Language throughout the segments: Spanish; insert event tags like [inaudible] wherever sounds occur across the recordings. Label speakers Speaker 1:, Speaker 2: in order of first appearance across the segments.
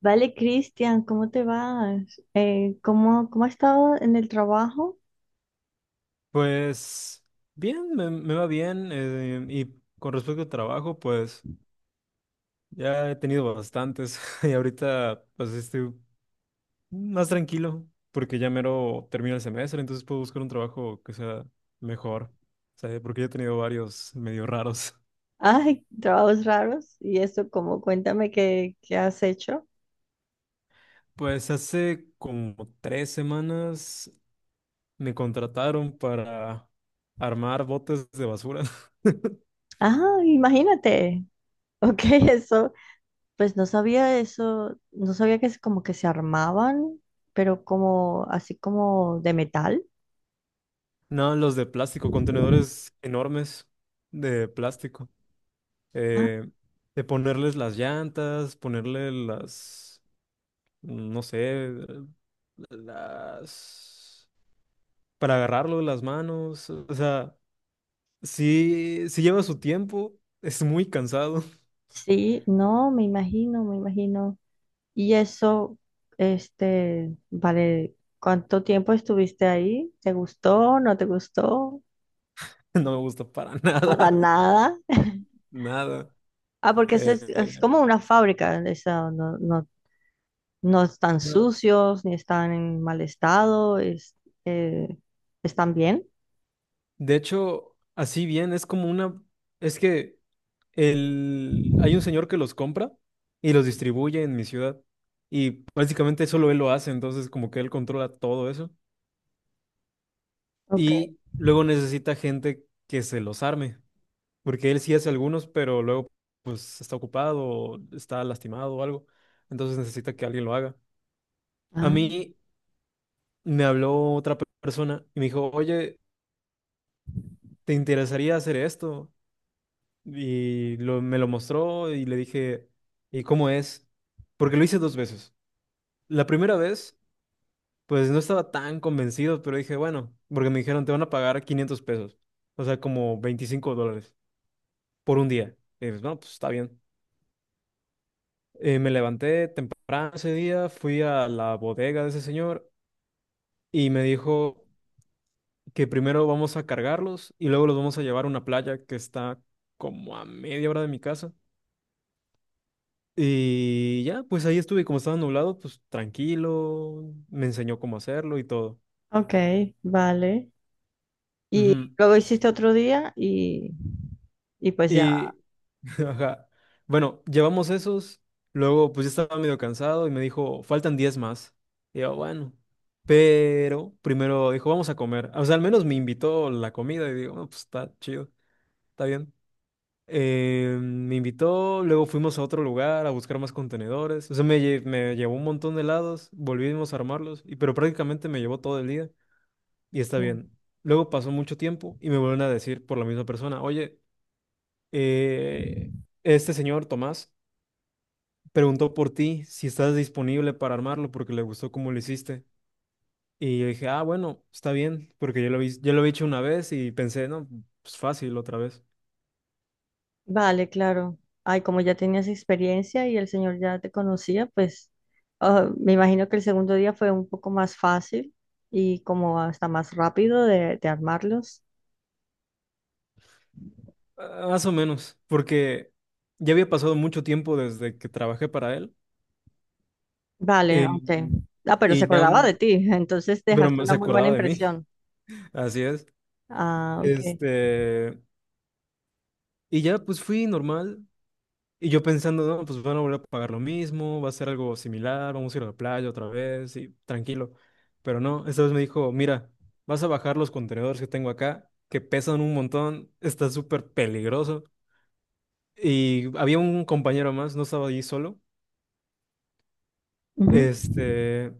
Speaker 1: Vale, Cristian, ¿cómo te vas? ¿Cómo has estado en el trabajo?
Speaker 2: Pues bien, me va bien. Y con respecto al trabajo, pues ya he tenido bastantes [laughs] y ahorita pues estoy más tranquilo porque ya mero termina el semestre, entonces puedo buscar un trabajo que sea mejor. O sea, porque ya he tenido varios medio raros. [laughs]
Speaker 1: [laughs] Ay, trabajos raros. ¿Y eso cómo? Cuéntame qué has hecho.
Speaker 2: Pues hace como 3 semanas me contrataron para armar botes de basura. [laughs]
Speaker 1: Ah, imagínate. Ok, [laughs] eso. Pues no sabía eso. No sabía que es como que se armaban, pero como así como de metal.
Speaker 2: No, los de plástico, contenedores enormes de plástico.
Speaker 1: Ah,
Speaker 2: eh, de ponerles las llantas, ponerle las, no sé, las, para agarrarlo de las manos, o sea, sí, sí lleva su tiempo, es muy cansado,
Speaker 1: sí, no, me imagino, me imagino. Y eso, este, vale, ¿cuánto tiempo estuviste ahí? ¿Te gustó? ¿No te gustó?
Speaker 2: [laughs] no me gusta para
Speaker 1: Para
Speaker 2: nada,
Speaker 1: nada.
Speaker 2: [laughs] nada.
Speaker 1: Ah, porque eso es
Speaker 2: Eh,
Speaker 1: como una fábrica, esa, no, no, no están
Speaker 2: no,
Speaker 1: sucios ni están en mal estado, es, eh, están bien.
Speaker 2: de hecho, así bien, es como una, es que el, hay un señor que los compra y los distribuye en mi ciudad y básicamente solo él lo hace, entonces como que él controla todo eso.
Speaker 1: Ok.
Speaker 2: Y luego necesita gente que se los arme, porque él sí hace algunos, pero luego pues está ocupado, o está lastimado o algo, entonces necesita que alguien lo haga. A
Speaker 1: Ah,
Speaker 2: mí me habló otra persona y me dijo, oye, ¿te interesaría hacer esto? Y me lo mostró y le dije, ¿y cómo es? Porque lo hice dos veces. La primera vez, pues no estaba tan convencido, pero dije, bueno, porque me dijeron, te van a pagar 500 pesos, o sea, como $25. Por un día. Y pues, no, pues está bien. Me levanté temprano ese día, fui a la bodega de ese señor y me dijo que primero vamos a cargarlos y luego los vamos a llevar a una playa que está como a media hora de mi casa. Y ya, pues ahí estuve, como estaba nublado, pues tranquilo, me enseñó cómo hacerlo y todo.
Speaker 1: ok, vale. Y
Speaker 2: Ujú.
Speaker 1: luego hiciste otro día y pues ya.
Speaker 2: Y, [laughs] ajá, bueno, llevamos esos, luego pues ya estaba medio cansado y me dijo, faltan 10 más. Y yo, bueno, pero primero dijo, vamos a comer. O sea, al menos me invitó la comida y digo, "Ah, pues está chido, está bien." Me invitó, luego fuimos a otro lugar a buscar más contenedores. O sea, me llevó un montón de helados, volvimos a armarlos, y, pero prácticamente me llevó todo el día y está
Speaker 1: Claro.
Speaker 2: bien. Luego pasó mucho tiempo y me vuelven a decir por la misma persona, oye, eh, este señor, Tomás, preguntó por ti si estás disponible para armarlo porque le gustó cómo lo hiciste. Y yo dije, ah, bueno, está bien, porque yo lo he hecho una vez y pensé, no, pues fácil otra vez.
Speaker 1: Vale, claro. Ay, como ya tenías experiencia y el señor ya te conocía, pues me imagino que el segundo día fue un poco más fácil y como hasta más rápido de armarlos.
Speaker 2: Ah, más o menos, porque ya había pasado mucho tiempo desde que trabajé para él
Speaker 1: Vale,
Speaker 2: eh,
Speaker 1: ok. Ah, pero se
Speaker 2: y ya,
Speaker 1: acordaba de ti, entonces dejaste
Speaker 2: pero
Speaker 1: una
Speaker 2: se
Speaker 1: muy buena
Speaker 2: acordaba de mí,
Speaker 1: impresión.
Speaker 2: [laughs] así es.
Speaker 1: Ah, ok.
Speaker 2: Este, y ya pues fui normal, y yo pensando, no, pues van a volver a pagar lo mismo, va a ser algo similar, vamos a ir a la playa otra vez y tranquilo. Pero no, esta vez me dijo, mira, vas a bajar los contenedores que tengo acá, que pesan un montón, está súper peligroso. Y había un compañero más, no estaba allí solo,
Speaker 1: Ujú.
Speaker 2: este,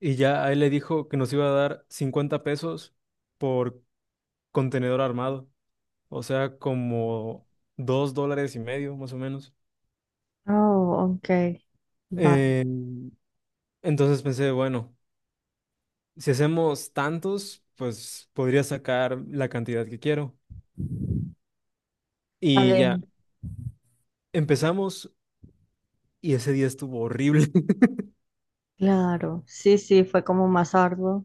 Speaker 2: y ya a él le dijo que nos iba a dar 50 pesos por contenedor armado, o sea, como $2.50, más o menos.
Speaker 1: Oh, ok. Va-
Speaker 2: Eh, entonces pensé, bueno. Si hacemos tantos, pues podría sacar la cantidad que quiero. Y ya,
Speaker 1: Vale.
Speaker 2: empezamos y ese día estuvo horrible. [laughs]
Speaker 1: Claro, sí, sí, fue como más arduo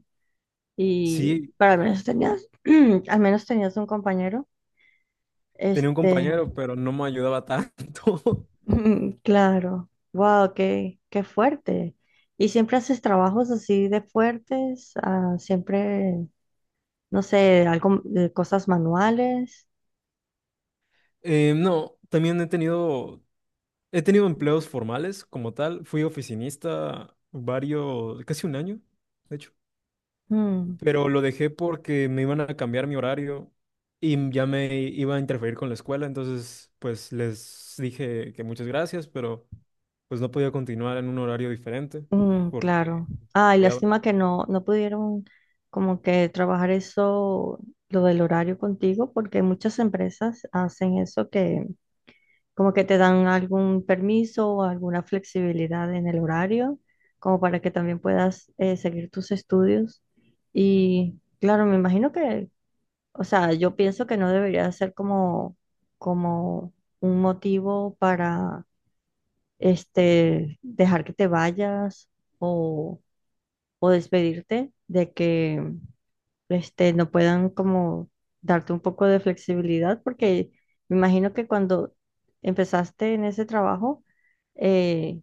Speaker 1: y
Speaker 2: Sí,
Speaker 1: pero al menos tenías, [clears throat] al menos tenías un compañero.
Speaker 2: tenía un
Speaker 1: Este,
Speaker 2: compañero, pero no me ayudaba tanto. [laughs]
Speaker 1: [laughs] claro, wow, qué fuerte. ¿Y siempre haces trabajos así de fuertes? Ah, siempre, no sé, algo, de cosas manuales.
Speaker 2: No, también he tenido, empleos formales como tal. Fui oficinista varios, casi un año, de hecho.
Speaker 1: Mm.
Speaker 2: Pero lo dejé porque me iban a cambiar mi horario y ya me iba a interferir con la escuela. Entonces, pues les dije que muchas gracias, pero pues no podía continuar en un horario diferente
Speaker 1: Mm,
Speaker 2: porque
Speaker 1: claro. Ay,
Speaker 2: había...
Speaker 1: lástima que no pudieron como que trabajar eso, lo del horario contigo, porque muchas empresas hacen eso que como que te dan algún permiso o alguna flexibilidad en el horario, como para que también puedas seguir tus estudios. Y claro, me imagino que, o sea, yo pienso que no debería ser como un motivo para este, dejar que te vayas o o despedirte de que este, no puedan como darte un poco de flexibilidad, porque me imagino que cuando empezaste en ese trabajo, eh,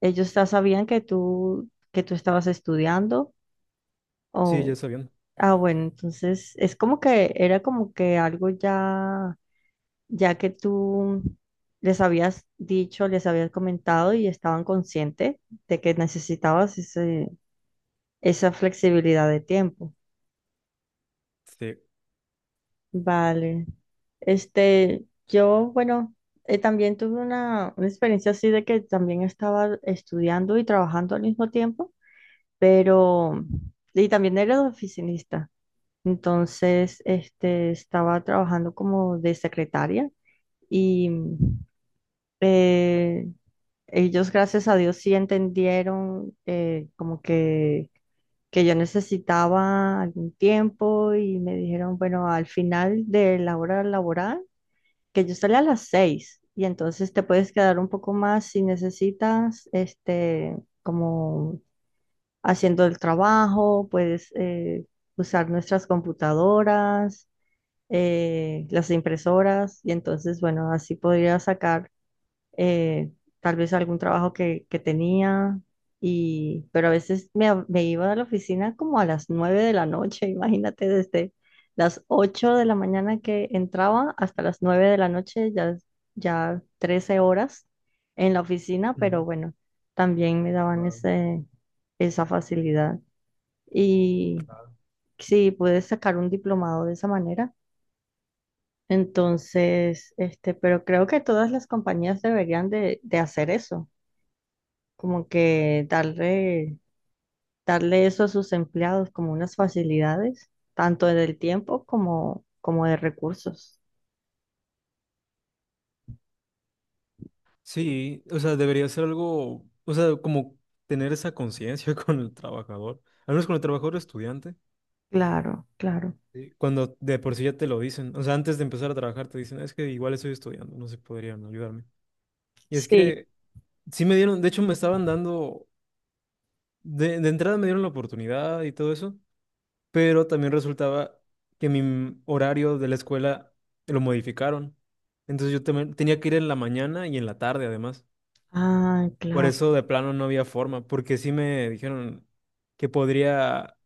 Speaker 1: ellos ya sabían que tú estabas estudiando
Speaker 2: Sí, ya
Speaker 1: o,
Speaker 2: está bien.
Speaker 1: bueno, entonces es como que era como que algo ya que tú les habías dicho, les habías comentado y estaban conscientes de que necesitabas esa flexibilidad de tiempo.
Speaker 2: Sí.
Speaker 1: Vale. Este, yo, bueno, también tuve una experiencia así de que también estaba estudiando y trabajando al mismo tiempo, pero, y también era de oficinista. Entonces, este, estaba trabajando como de secretaria y eh, ellos, gracias a Dios, sí entendieron como que yo necesitaba algún tiempo y me dijeron, bueno, al final de la hora laboral, que yo salí a las 6 y entonces te puedes quedar un poco más si necesitas, este, como haciendo el trabajo, puedes usar nuestras computadoras, las impresoras y entonces, bueno, así podría sacar eh, tal vez algún trabajo que tenía, y, pero a veces me iba a la oficina como a las 9 de la noche, [laughs] imagínate, desde las 8 de la mañana que entraba hasta las 9 de la noche, ya 13 horas en la oficina, pero
Speaker 2: Ujú.
Speaker 1: bueno, también me daban
Speaker 2: Wow.
Speaker 1: esa facilidad. Y sí, pude sacar un diplomado de esa manera. Entonces, este, pero creo que todas las compañías deberían de hacer eso como que darle eso a sus empleados como unas facilidades, tanto del tiempo como, como de recursos.
Speaker 2: Sí, o sea, debería ser algo, o sea, como tener esa conciencia [laughs] con el trabajador, al menos con el trabajador estudiante.
Speaker 1: Claro, claro.
Speaker 2: Sí. Cuando de por sí ya te lo dicen, o sea, antes de empezar a trabajar te dicen, es que igual estoy estudiando, no se podrían ayudarme. Y es
Speaker 1: Sí.
Speaker 2: que sí me dieron, de hecho me estaban dando, de entrada me dieron la oportunidad y todo eso, pero también resultaba que mi horario de la escuela lo modificaron. Entonces yo también tenía que ir en la mañana y en la tarde además.
Speaker 1: Ah,
Speaker 2: Por
Speaker 1: claro.
Speaker 2: eso de plano no había forma, porque sí me dijeron que podría,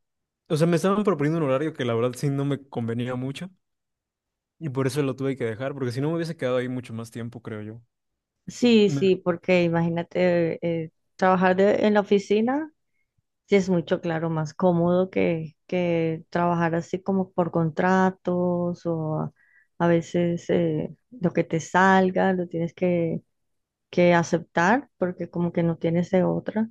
Speaker 2: o sea, me estaban proponiendo un horario que la verdad sí no me convenía mucho y por eso lo tuve que dejar, porque si no me hubiese quedado ahí mucho más tiempo, creo yo.
Speaker 1: Sí,
Speaker 2: Me-
Speaker 1: sí, porque imagínate trabajar en la oficina, sí es mucho, claro, más cómodo que trabajar así como por contratos o a veces lo que te salga, lo tienes que aceptar porque como que no tienes de otra.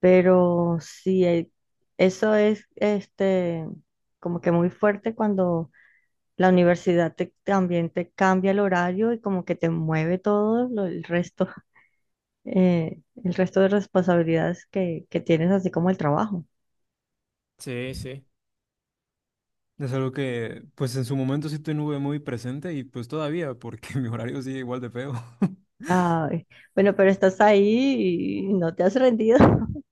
Speaker 1: Pero sí, eso es este, como que muy fuerte cuando la universidad también te cambia el horario y como que te mueve todo el resto, [laughs] el resto de responsabilidades que tienes, así como el trabajo.
Speaker 2: Sí, sí. Es algo que pues en su momento sí tuve muy presente y pues todavía, porque [laughs] mi horario sigue igual de feo. [laughs]
Speaker 1: Ay, bueno, pero estás ahí y no te has rendido. [laughs]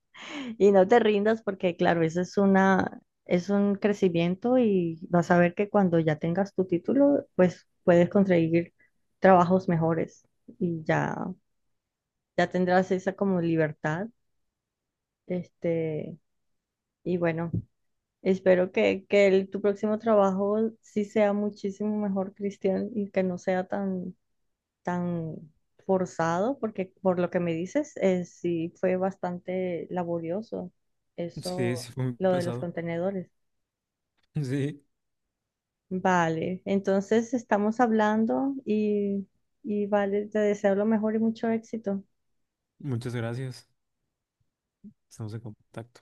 Speaker 1: Y no te rindas porque, claro, eso es es un crecimiento y vas a ver que cuando ya tengas tu título, pues puedes conseguir trabajos mejores y ya, ya tendrás esa como libertad. Este, y bueno, espero que tu próximo trabajo sí sea muchísimo mejor, Cristian, y que no sea tan, tan forzado, porque por lo que me dices, sí fue bastante laborioso
Speaker 2: Sí,
Speaker 1: eso,
Speaker 2: sí fue muy
Speaker 1: lo de los
Speaker 2: pesado.
Speaker 1: contenedores.
Speaker 2: Sí.
Speaker 1: Vale, entonces estamos hablando y vale, te deseo lo mejor y mucho éxito.
Speaker 2: Muchas gracias. Estamos en contacto.